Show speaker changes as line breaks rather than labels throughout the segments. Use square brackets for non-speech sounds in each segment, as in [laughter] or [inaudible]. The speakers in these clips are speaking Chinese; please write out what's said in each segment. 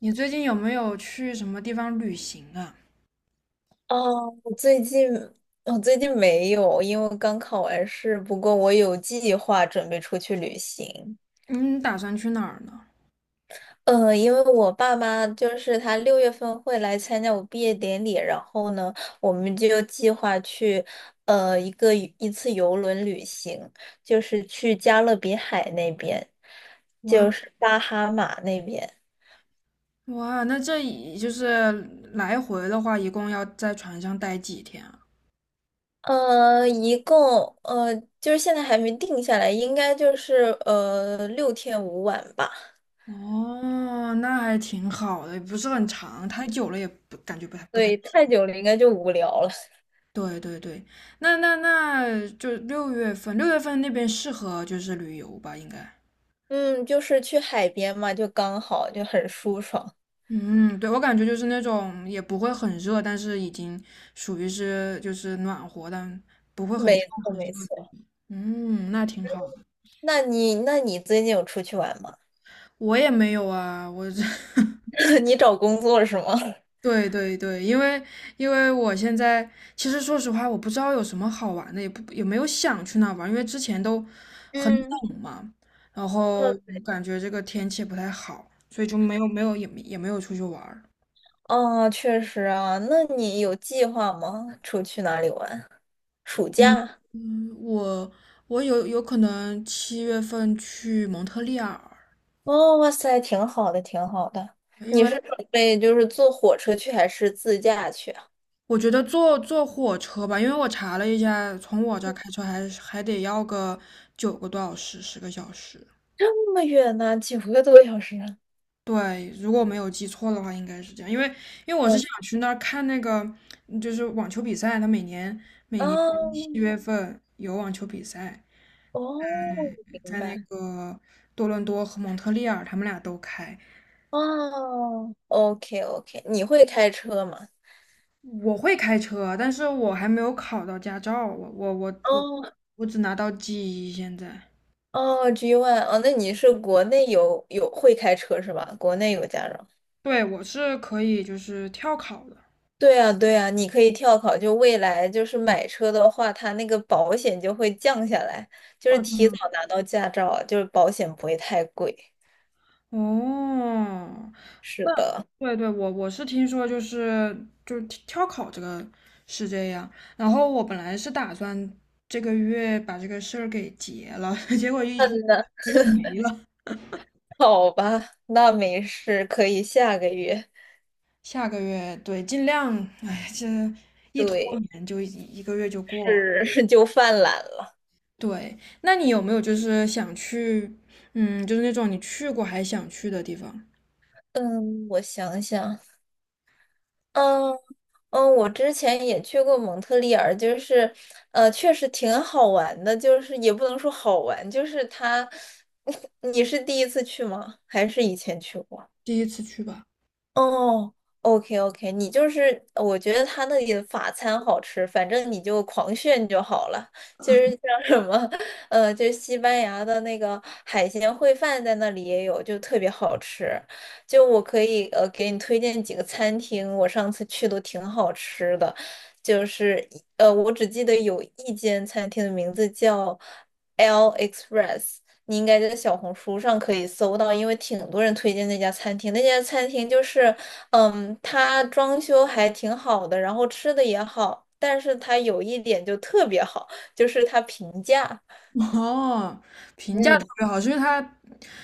你最近有没有去什么地方旅行啊？
哦，我最近我最近没有，因为刚考完试。不过我有计划准备出去旅行。
嗯，打算去哪儿呢？
因为我爸妈就是他六月份会来参加我毕业典礼，然后呢，我们就计划去呃一个一次游轮旅行，就是去加勒比海那边，
哇
就是巴哈马那边。
哇，那就是来回的话，一共要在船上待几天啊？
一共就是现在还没定下来，应该就是六天五晚吧。
哦，那还挺好的，不是很长，太久了也不感觉不太。
对，太久了应该就无聊了。
对对对，那就六月份，那边适合就是旅游吧，应该。
嗯，就是去海边嘛，就刚好，就很舒爽。
嗯，对，我感觉就是那种也不会很热，但是已经属于是就是暖和，但不会很热
没错，
很热
没
的那
错。
种。嗯，那挺好。
那你最近有出去玩吗？
我也没有啊，我这，[laughs]
[laughs] 你找工作是吗？[laughs]
对对对，因为我现在其实说实话，我不知道有什么好玩的，也没有想去那玩，因为之前都很
嗯。
冷嘛，然后
嗯。
感觉这个天气不太好，所以就没有出去玩儿。
哦，确实啊。那你有计划吗？出去哪里玩？暑假？
嗯，我有可能七月份去蒙特利尔。
哦，哇塞，挺好的，挺好的。
因
你
为
是准备就是坐火车去，还是自驾去啊？
我觉得坐火车吧，因为我查了一下，从我这儿开车还得要个9个多小时，10个小时。
这么远呢、九个多小时啊。
对，如果我没有记错的话，应该是这样。因为我是
哇
想
塞！
去那儿看那个，嗯就是网球比赛，他每年七
啊。
月份有网球比赛，
哦，
嗯，
明
在那
白。
个多伦多和蒙特利尔，他们俩都开。
哦，OK OK，你会开车吗？
我会开车，但是我还没有考到驾照，我
哦。
我只拿到 G1现在。
哦，G One，哦，那你是国内有会开车是吧？国内有驾照。
对，我是可以就是跳考的。
对啊对啊，你可以跳考，就未来就是买车的话，它那个保险就会降下来，就是
哦，真
提
的。
早拿到驾照，就是保险不会太贵。
哦，
是
那
的。
对对，我是听说就是跳考这个是这样，然后我本来是打算这个月把这个事儿给结了，[laughs] 结果一
嗯，
拖
那
又没了。
好吧，那没事，可以下个月。
下个月对，尽量，哎，这一拖
对。
延就一个月就过了。
是 [laughs] 就犯懒了。
对，那你有没有就是想去，嗯，就是那种你去过还想去的地方？
嗯，我想想。嗯。嗯，我之前也去过蒙特利尔，就是，确实挺好玩的，就是也不能说好玩，就是它，[laughs] 你是第一次去吗？还是以前去过？
第一次去吧。
哦，OK OK，你就是我觉得他那里的法餐好吃，反正你就狂炫就好了。就是像什么，就是西班牙的那个海鲜烩饭在那里也有，就特别好吃。就我可以给你推荐几个餐厅，我上次去都挺好吃的。就是我只记得有一间餐厅的名字叫 L Express，你应该在小红书上可以搜到，因为挺多人推荐那家餐厅。那家餐厅就是，嗯，它装修还挺好的，然后吃的也好，但是它有一点就特别好，就是它平价。
[laughs] 哦，评价特
嗯。
别好，是因为它，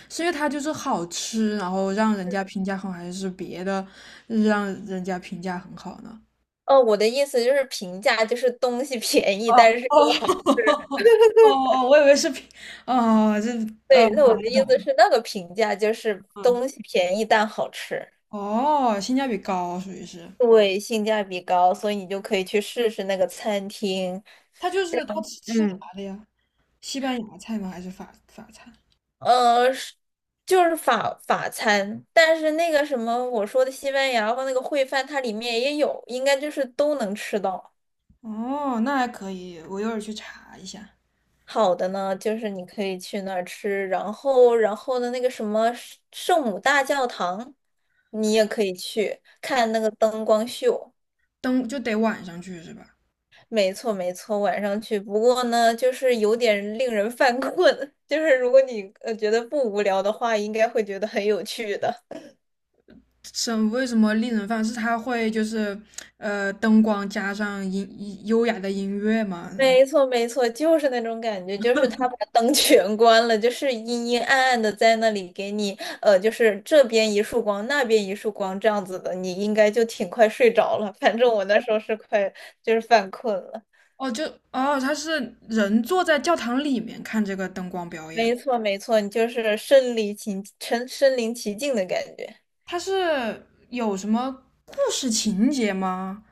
就是好吃，然后让人家评价很好，还是别的让人家评价很好呢？
哦，我的意思就是平价，就是东西 [laughs] 便宜，
哦
但是
哦
又好吃。
[laughs] 哦哦，我以为是评，哦，
对，
懂
那我的
了
意
懂
思
了，
是那个平价就是
嗯，
东西便宜但好吃。
哦，性价比高，属于是。
对，性价比高，所以你就可以去试试那个餐厅。
它就是它吃啥
嗯。
的呀？西班牙菜吗？还是法餐？
是就是法餐，但是那个什么我说的西班牙和那个烩饭，它里面也有，应该就是都能吃到。
哦，那还可以，我一会儿去查一下。
好的呢，就是你可以去那儿吃，然后的那个什么圣母大教堂，你也可以去看那个灯光秀。
灯就得晚上去是吧？
没错没错，晚上去。不过呢，就是有点令人犯困，[laughs] 就是如果你觉得不无聊的话，应该会觉得很有趣的。
省为什么令人放？是它会就是灯光加上优雅的音乐吗？嗯
没错，没错，就是那种感觉，就是他把灯 [laughs] 全关了，就是阴阴暗暗的在那里给你，就是这边一束光，那边一束光这样子的，你应该就挺快睡着了。反正我那时候是快，就是犯困了。
哦，哦，它是人坐在教堂里面看这个灯光表演，
没错，没错，你就是身临其境的感觉。
它是有什么故事情节吗？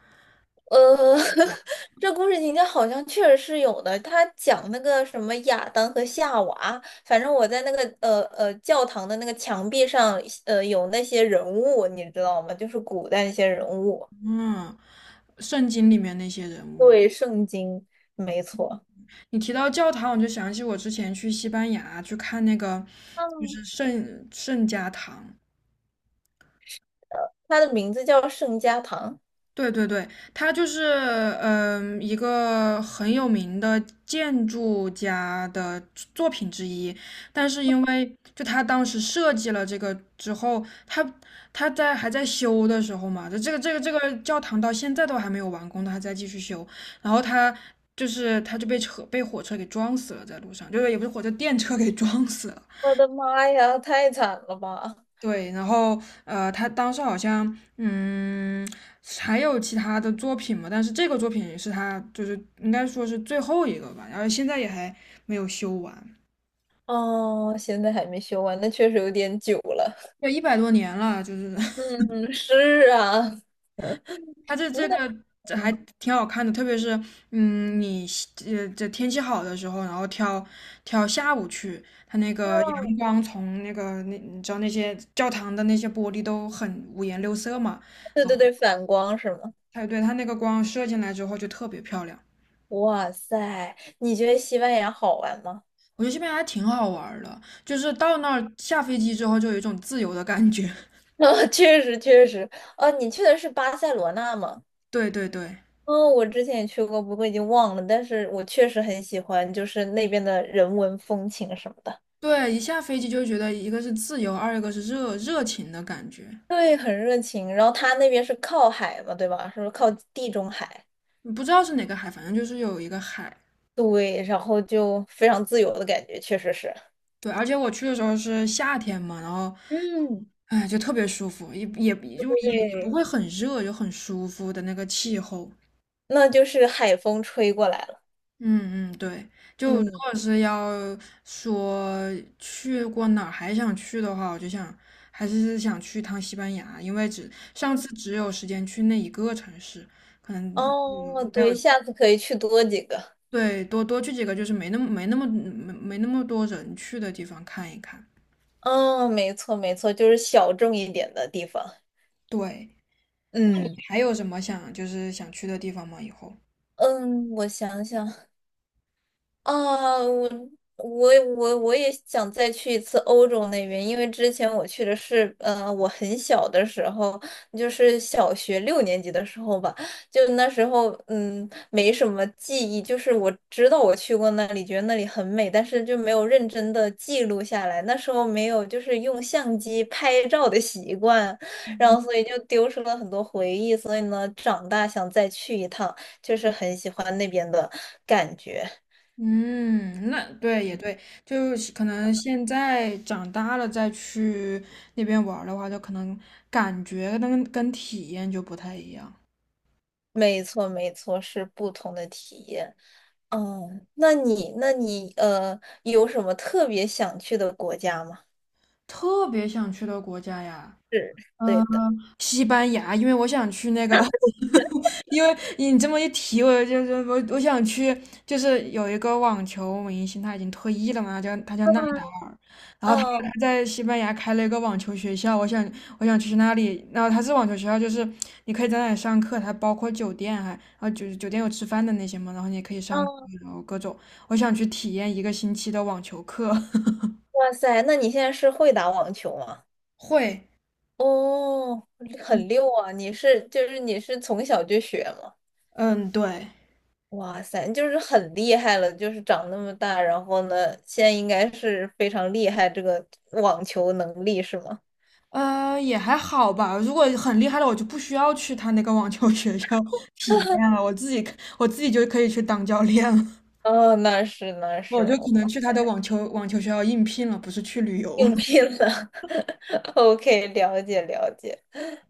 呃，[laughs] 这故事情节好像确实是有的。他讲那个什么亚当和夏娃，反正我在那个教堂的那个墙壁上，有那些人物，你知道吗？就是古代那些人物。
嗯，圣经里面那些人物。
对，圣经没错。
你提到教堂，我就想起我之前去西班牙去看那个就
嗯，
是圣家堂。
他的名字叫圣家堂。
对对对，他就是一个很有名的建筑家的作品之一，但是因为就他当时设计了这个之后，他在还在修的时候嘛，这个教堂到现在都还没有完工，他还在继续修，然后他就是他就被火车给撞死了，在路上，就是也不是火车电车给撞死了。
我的妈呀，太惨了吧！
对，然后他当时好像还有其他的作品嘛，但是这个作品是他就是应该说是最后一个吧，然后现在也还没有修完。
哦，现在还没修完，那确实有点久了。
对，100多年了，就是 [laughs]
嗯，是啊，
他这
那。
这个这还
嗯，
挺好看的，特别是嗯，你这天气好的时候，然后挑挑下午去，它那个阳光从那个那你知道那些教堂的那些玻璃都很五颜六色嘛，
对
啊，
对对，反光是吗？
它那个光射进来之后就特别漂亮。
哇塞，你觉得西班牙好玩吗？
我觉得这边还挺好玩儿的，就是到那儿下飞机之后就有一种自由的感觉。
[laughs] 啊，确实确实，你去的是巴塞罗那吗？
[laughs] 对对对
嗯，我之前也去过，不过已经忘了，但是我确实很喜欢，就是那边的人文风情什么的。
对，一下飞机就觉得一个是自由，二一个是热情的感觉。
对，很热情。然后他那边是靠海嘛，对吧？是不是靠地中海？
不知道是哪个海，反正就是有一个海。
对，然后就非常自由的感觉，确实是。
对，而且我去的时候是夏天嘛，然后
嗯，
哎就特别舒服，也也就也也不
对，
会很热，就很舒服的那个气候。
那就是海风吹过来了。
嗯嗯，对，就如
嗯。
果是要说去过哪儿还想去的话，我就想还是想去趟西班牙，因为上次只有时间去那一个城市，可能
哦，
没有，
对，下次可以去多几个。
对，多多去几个就是没那么多人去的地方看一看。
嗯，没错没错，就是小众一点的地方。
对，
嗯。
还有什么就是想去的地方吗？以后？
嗯，我想想，啊，我我也想再去一次欧洲那边，因为之前我去的是，我很小的时候，就是小学六年级的时候吧，就那时候，嗯，没什么记忆，就是我知道我去过那里，觉得那里很美，但是就没有认真的记录下来，那时候没有就是用相机拍照的习惯，然后所以就丢失了很多回忆，所以呢，长大想再去一趟，就是很喜欢那边的感觉。
嗯，那对也对，就是可能现在长大了再去那边玩儿的话，就可能感觉跟体验就不太一样。
没错，没错，是不同的体验。嗯，那你,有什么特别想去的国家吗？
特别想去的国家呀，
对
嗯，
的。
西班牙，因为我想去那个 [laughs] 因为你这么一提，我就是我想去，就是有一个网球明星，他已经退役了嘛，他叫纳
嗯。
达尔，然后他
嗯。
他在西班牙开了一个网球学校，我想去那里，然后他是网球学校，就是你可以在那里上课，它包括酒店还，然后酒店有吃饭的那些嘛，然后你也可以上课
嗯。
然后各种，我想去体验一个星期的网球课。[laughs]
哇塞，那你现在是会打网球吗？
会，
哦，很溜啊！你是从小就学吗？
嗯，对。
哇塞，就是很厉害了，就是长那么大，然后呢，现在应该是非常厉害这个网球能力是吗？
也还好吧。如果很厉害的，我就不需要去他那个网球学校 [laughs] 体验了，我自己就可以去当教练了。
哦，那是那
[laughs] 我
是。
就可能
哇
去他
塞，
的网球学校应聘了，不是去旅游了。
应聘了 [laughs]，OK，了解了解。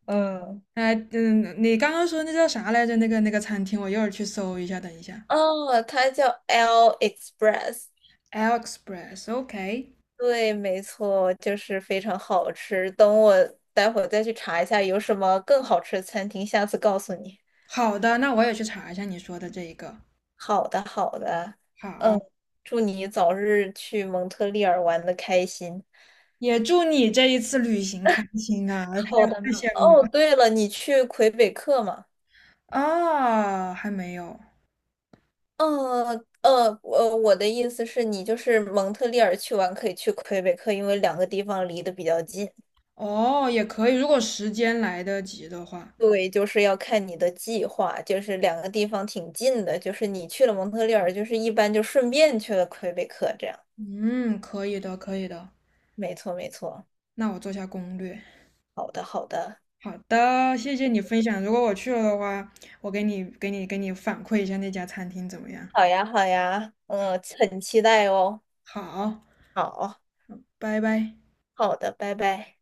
嗯，
哎，嗯，你刚刚说那叫啥来着？那个餐厅，我一会儿去搜一下。等一下
哦，它叫 L Express。
，AliExpress，OK，
对，没错，就是非常好吃。等我待会儿再去查一下有什么更好吃的餐厅，下次告诉你。
好的，那我也去查一下你说的这一个。
好的，好的。嗯，
好，
祝你早日去蒙特利尔玩的开心。
也祝你这一次旅行开心啊！太
好的
太
呢。
羡慕了。
哦，对了，你去魁北克吗？
啊，还没有。
嗯。我的意思是你就是蒙特利尔去玩可以去魁北克，因为两个地方离得比较近。
哦，也可以，如果时间来得及的话，
对，就是要看你的计划，就是两个地方挺近的，就是你去了蒙特利尔，就是一般就顺便去了魁北克，这样。
嗯，可以的，可以的。
没错，没错。
那我做下攻略。
好的，好的。
好的，谢谢你分享。如果我去了的话，我给你反馈一下那家餐厅怎么样？
好呀，好呀，嗯，很期待哦。
好，
好。
拜拜。
好的，拜拜。